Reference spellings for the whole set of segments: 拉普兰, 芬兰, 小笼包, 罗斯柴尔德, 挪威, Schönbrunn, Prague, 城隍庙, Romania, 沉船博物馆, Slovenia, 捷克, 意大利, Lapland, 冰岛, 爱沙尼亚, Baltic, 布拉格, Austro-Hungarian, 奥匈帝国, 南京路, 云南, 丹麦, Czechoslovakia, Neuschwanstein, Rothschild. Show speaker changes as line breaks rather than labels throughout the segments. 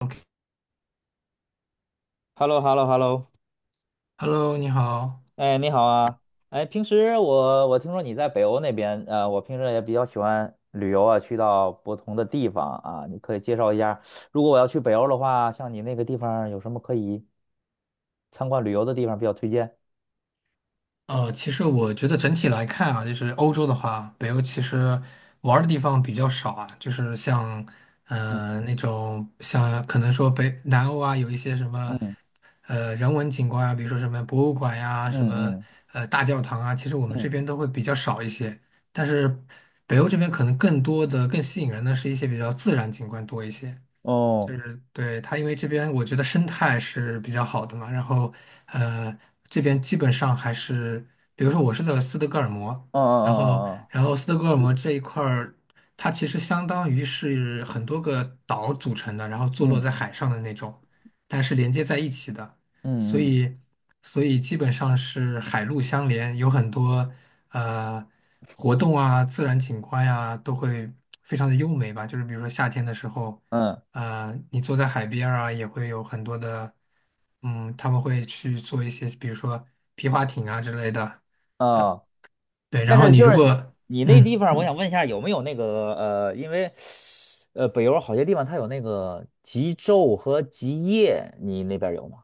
OK
hello hello hello
Hello，你好。
哎，你好啊！哎，平时我听说你在北欧那边，我平时也比较喜欢旅游啊，去到不同的地方啊，你可以介绍一下，如果我要去北欧的话，像你那个地方有什么可以参观旅游的地方比较推荐？
其实我觉得整体来看啊，就是欧洲的话，北欧其实玩儿的地方比较少啊，就是像，
嗯
那种像可能说北南欧啊，有一些什么，
嗯
人文景观啊，比如说什么博物馆呀、什
嗯
么
嗯
大教堂啊，其实我们这
嗯，
边都会比较少一些。但是北欧这边可能更多的、更吸引人的是一些比较自然景观多一些。就
哦，
是对它，因为这边我觉得生态是比较好的嘛，然后呃，这边基本上还是，比如说我是在斯德哥尔摩，
嗯
然后
嗯
然后斯德哥尔
嗯
摩这一块儿，它其实相当于是很多个岛组成的，然后坐落在
嗯
海上的那种，但是连接在一起的，所
嗯，嗯嗯嗯
以所以基本上是海陆相连，有很多呃活动啊、自然景观呀、都会非常的优美吧，就是比如说夏天的时候。
嗯
啊、你坐在海边儿啊，也会有很多的，嗯，他们会去做一些，比如说皮划艇啊之类的，
嗯，
呃，
啊。
对。然
但
后
是
你
就
如
是
果，
你那地
嗯，
方，我想问一下有没有那个因为北欧好些地方它有那个极昼和极夜，你那边有吗？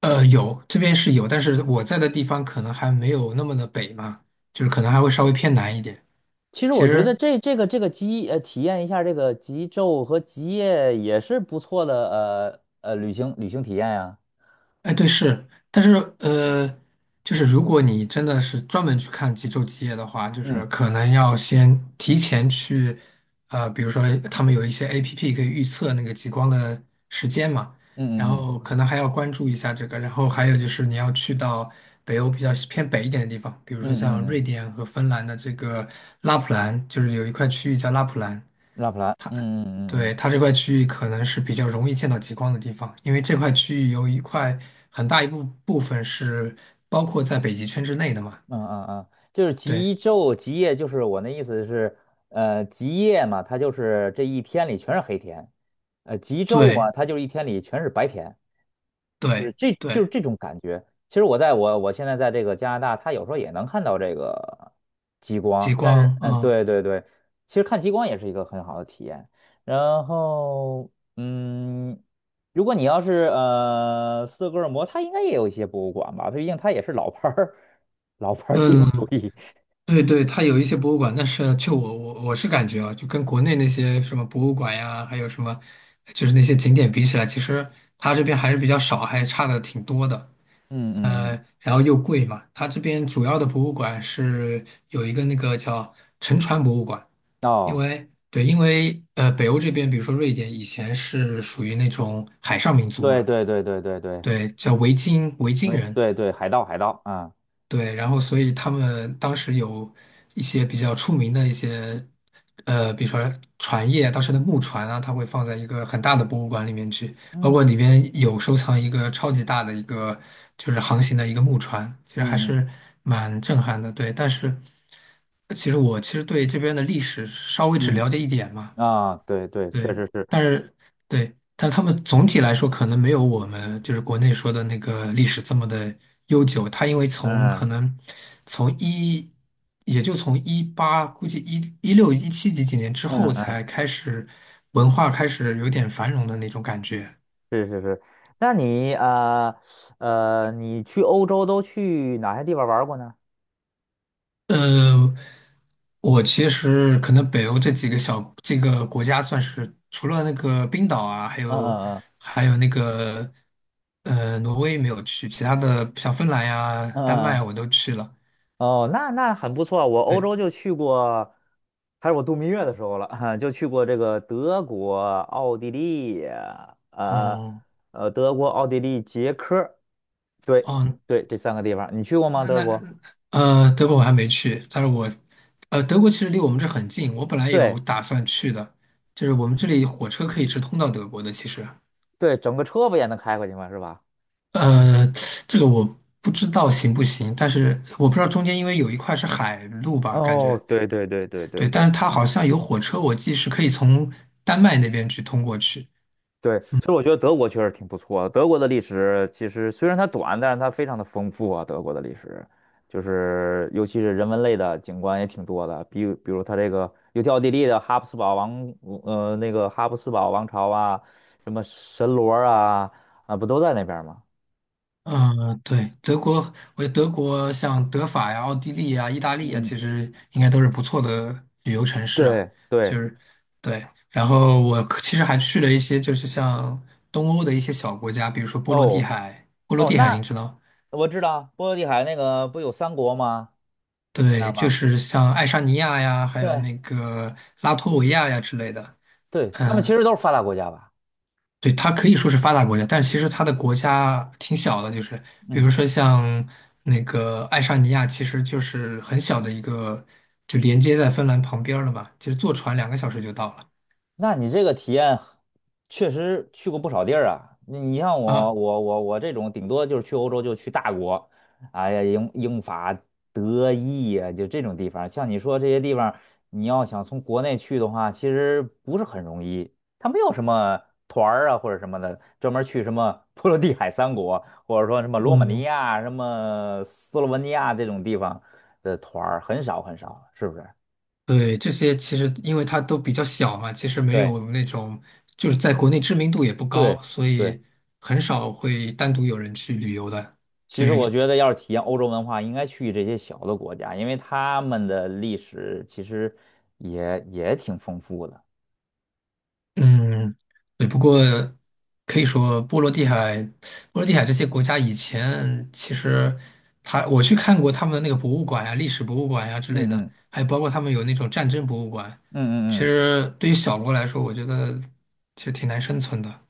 有这边是有，但是我在的地方可能还没有那么的北嘛，就是可能还会稍微偏南一点。
其实
其
我觉得
实
这个极体验一下这个极昼和极夜也是不错的旅行体验呀、
哎，对，是，但是呃，就是如果你真的是专门去看极昼极夜的话，就
嗯
是可能要先提前去，比如说他们有一些 APP 可以预测那个极光的时间嘛，然
嗯嗯嗯
后可能还要关注一下这个，然后还有就是你要去到北欧比较偏北一点的地
嗯嗯
方，比如说像
嗯，嗯
瑞
嗯
典和芬兰的这个拉普兰，就是有一块区域叫拉普兰，
拉普兰，嗯嗯嗯嗯。
对，它这块区域可能是比较容易见到极光的地方，因为这块区域有一块很大一部分是包括在北极圈之内的嘛。
嗯嗯嗯，就是
对，
极昼极夜，就是我那意思是，极夜嘛，它就是这一天里全是黑天，极昼嘛，
对，
它就是一天里全是白天。
对，
就是
对，
这种感觉。其实我在我现在在这个加拿大，它有时候也能看到这个极
极
光，但是
光啊，
对对对，其实看极光也是一个很好的体验。然后嗯，如果你要是斯德哥尔摩，它应该也有一些博物馆吧，毕竟它也是老牌儿帝国
嗯，
主义。
对对，它有一些博物馆，但是就我是感觉啊，就跟国内那些什么博物馆呀，还有什么就是那些景点比起来，其实它这边还是比较少，还差的挺多的。
嗯嗯嗯，
然后又贵嘛。它这边主要的博物馆是有一个那个叫沉船博物馆，因
哦，
为对，因为北欧这边，比如说瑞典以前是属于那种海上民族
对
嘛，
对对对对对，
对，叫维京维
因
京
为
人，
对对海盗海盗啊，
对，然后所以他们当时有一些比较出名的一些，比如说船业，当时的木船啊，它会放在一个很大的博物馆里面去，包括
嗯
里边有收藏一个超级大的一个就是航行的一个木船，其实还
嗯
是蛮震撼的。对，但是其实我其实对这边的历史稍微只了
嗯
解一点嘛，
嗯啊，对对，确
对，
实是，
但是对，但他们总体来说可能没有我们就是国内说的那个历史这么的悠久。它因为从
嗯
可能从一，也就从一八，估计一一六一七几几年之后
嗯。
才开始文化开始有点繁荣的那种感觉。
是是是，那你你去欧洲都去哪些地方玩儿过呢？
呃，我其实可能北欧这几个小这个国家算是除了那个冰岛啊，还
嗯
有
嗯
还有那个挪威没有去，其他的像芬兰呀、
嗯
丹
嗯
麦
嗯，
我都去了。
哦，那很不错。我欧
对，
洲就去过，还是我度蜜月的时候了，就去过这个德国、奥地利，呃
哦
德国、奥地利、捷克，对
哦，
对，这三个地方，你去过吗？
那
德
那
国？
呃德国我还没去，但是我德国其实离我们这很近，我本来
对
有打算去的，就是我们这里火车可以直通到德国的，其实。
对，整个车不也能开过去吗？是吧？
呃，这个我不知道行不行，但是我不知道中间因为有一块是海路吧，感
哦，
觉，
对对对对对
对，但
对
是它好像有火车，我记是可以从丹麦那边去通过去。
对，所以我觉得德国确实挺不错的。德国的历史其实虽然它短，但是它非常的丰富啊。德国的历史就是尤其是人文类的景观也挺多的，比如它这个尤其奥地利的哈布斯堡王，那个哈布斯堡王朝啊，什么神罗啊，啊，不都在那边儿吗？
嗯，对，德国，我觉得德国像德法呀、奥地利呀、意大利
嗯
呀，
嗯，
其实应该都是不错的旅游城市啊。
对
就
对，
是对，然后我可其实还去了一些就是像东欧的一些小国家，比如说波罗的
哦
海，波罗
哦，
的海您
那
知道
我知道波罗的海那个不有三国吗？那儿
对，就
吗？
是像爱沙尼亚呀，还有
对
那个拉脱维亚呀之类的。
对，他们其
嗯，
实都是发达国家吧？
对，它可以说是发达国家，但其实它的国家挺小的，就是比
嗯。
如说像那个爱沙尼亚，其实就是很小的一个，就连接在芬兰旁边儿了嘛。其实坐船2个小时就到了。
那你这个体验确实去过不少地儿啊。你你像我，
啊，
我这种顶多就是去欧洲就去大国，哎呀，英法德意呀、就这种地方。像你说这些地方，你要想从国内去的话，其实不是很容易。它没有什么团儿啊或者什么的，专门去什么 波罗的海三国，或者说什么罗马尼
嗯，
亚、什么斯洛文尼亚这种地方的团儿很少很少，是不是？
对，这些其实因为它都比较小嘛，其实没
对
有那种就是在国内知名度也不
对
高，所
对。
以很少会单独有人去旅游的。
其
就
实我
是
觉得，要是体验欧洲文化，应该去这些小的国家，因为他们的历史其实也挺丰富的。
嗯，对，不过可以说波罗的海、波罗的海这些国家以前其实他我去看过他们的那个博物馆呀、历史博物馆呀、之类
嗯
的，
嗯
还有包括他们有那种战争博物馆。其
嗯嗯嗯，
实对于小国来说，我觉得其实挺难生存的。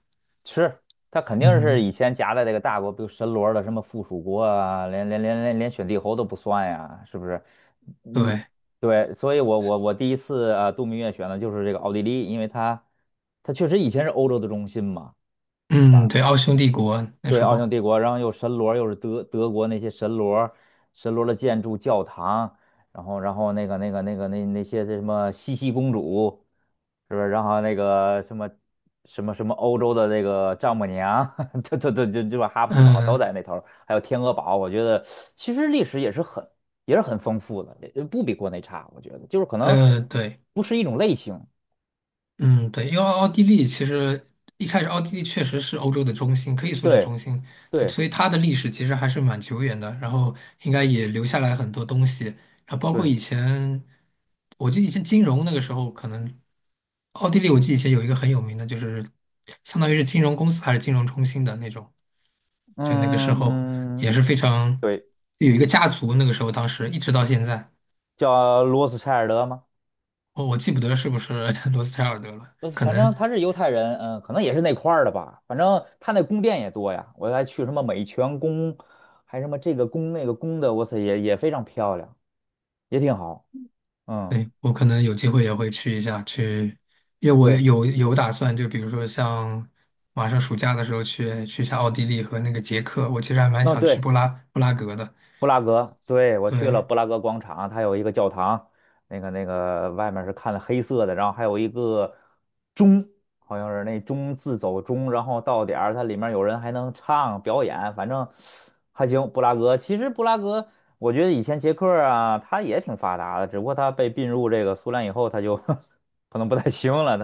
是，他肯定是
嗯，
以前夹在这个大国，比如神罗的什么附属国啊，连选帝侯都不算呀，是不是？嗯，
对，
对，所以我第一次啊度蜜月选的就是这个奥地利，因为它确实以前是欧洲的中心嘛。
嗯，对，奥匈帝国那
对，
时
奥匈
候，
帝国，然后又神罗，又是德国那些神罗，神罗的建筑、教堂，然后那些什么茜茜公主，是不是？然后那个什么欧洲的那个丈母娘，这把哈布斯堡都
嗯
在那头儿还有天鹅堡，我觉得其实历史也是很丰富的，也不比国内差，我觉得就是可能
对。
不是一种类型，
嗯，对，因为奥地利其实一开始奥地利确实是欧洲的中心，可以说是
对
中心，对，
对
所以它的历史其实还是蛮久远的，然后应该也留下来很多东西，然后包括
对，
以前，我记得以前金融那个时候，可能奥地利我记得以前有一个很有名的，就是相当于是金融公司还是金融中心的那种，就那个时
嗯
候
嗯，
也是非常
对，
有一个家族，那个时候当时一直到现在，
叫罗斯柴尔德吗？
我记不得是不是 罗斯柴尔德了，可
反
能。
正他是犹太人，嗯，可能也是那块儿的吧。反正他那宫殿也多呀，我还去什么美泉宫，还什么这个宫那个宫的，我操，也非常漂亮，也挺好。嗯，
对，我可能有机会也会去一下，去，因为我
对，
有打算，就比如说像马上暑假的时候去一下奥地利和那个捷克，我其实还蛮
那
想去
对，
布拉格的。
布拉格，对，我去了
对
布拉格广场，它有一个教堂，那个外面是看的黑色的，然后还有一个钟，好像是那钟自走钟，然后到点儿它里面有人还能唱表演，反正还行。布拉格，我觉得以前捷克啊，它也挺发达的，只不过它被并入这个苏联以后，它就 可能不太行了。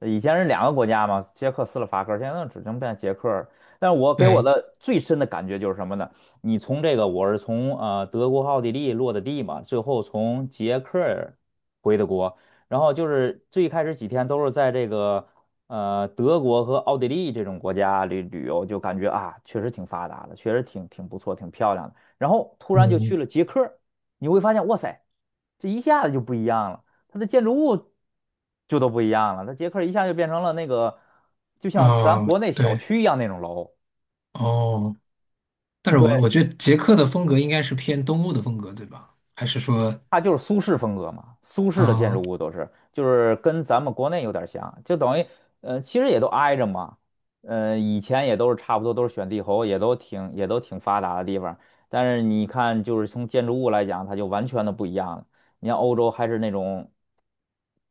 它以前是2个国家嘛，捷克斯洛伐克，现在只能变捷克。但是我给我
对，
的最深的感觉就是什么呢？你从这个，我是从德国、奥地利落的地嘛，最后从捷克儿回的国，然后就是最开始几天都是在这个德国和奥地利这种国家旅游，就感觉啊确实挺发达的，确实挺不错，挺漂亮的。然后突然就去
嗯，
了捷克儿你会发现哇塞，这一下子就不一样了，它的建筑物就都不一样了，它捷克儿一下就变成了那个就像咱
哦，
国内小
对
区一样那种楼。
哦，但是我
对。
我觉得捷克的风格应该是偏东欧的风格，对吧？还是说，
它就是苏式风格嘛，苏式的建筑
啊、
物都是，就是跟咱们国内有点像，就等于，其实也都挨着嘛，以前也都是差不多，都是选帝侯，也都挺发达的地方，但是你看，就是从建筑物来讲，它就完全的不一样了。你像欧洲还是那种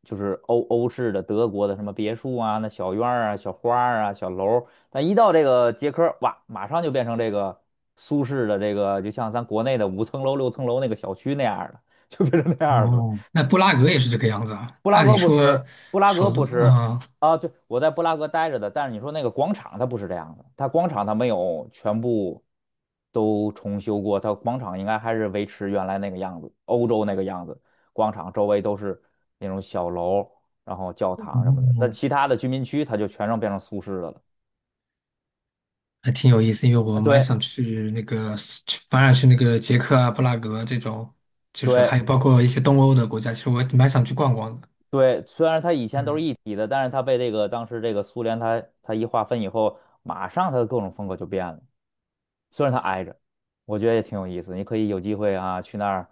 就是欧式的德国的什么别墅啊，那小院儿啊、小花儿啊、小楼儿，但一到这个捷克，哇，马上就变成这个苏式的这个，就像咱国内的5层楼、6层楼那个小区那样儿的，就变成那样儿的
哦，那布拉格也是这个样子啊？
布拉
按
格
理
不吃，
说
布拉格
首都，
不吃
啊、
啊。对，我在布拉格待着的，但是你说那个广场它不是这样的，它广场它没有全部都重修过，它广场应该还是维持原来那个样子，欧洲那个样子。广场周围都是那种小楼，然后教堂什么的。但
哦
其他的居民区它就全让变成苏式的了。
还挺有意思，因为
啊，
我蛮
对
想去那个，去反而去那个捷克啊、布拉格这种，就是还
对
有包括一些东欧的国家，其实我蛮想去逛逛的。
对，虽然它以前都是
嗯
一体的，但是它被这个当时这个苏联它一划分以后，马上它的各种风格就变了。虽然它挨着，我觉得也挺有意思。你可以有机会啊，去那儿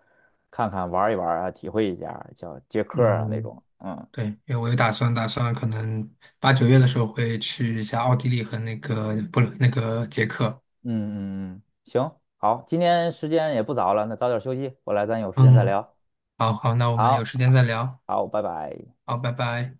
看看、玩一玩啊，体会一下，叫接客儿啊那
嗯，
种。嗯
对，因为我有打算，可能8、9月的时候会去一下奥地利和那个不那个捷克。
嗯嗯嗯，行，好，今天时间也不早了，那早点休息，回来咱有时间再
嗯，
聊。
好好，那我们有
好，
时间再聊。
好，拜拜。
好，拜拜。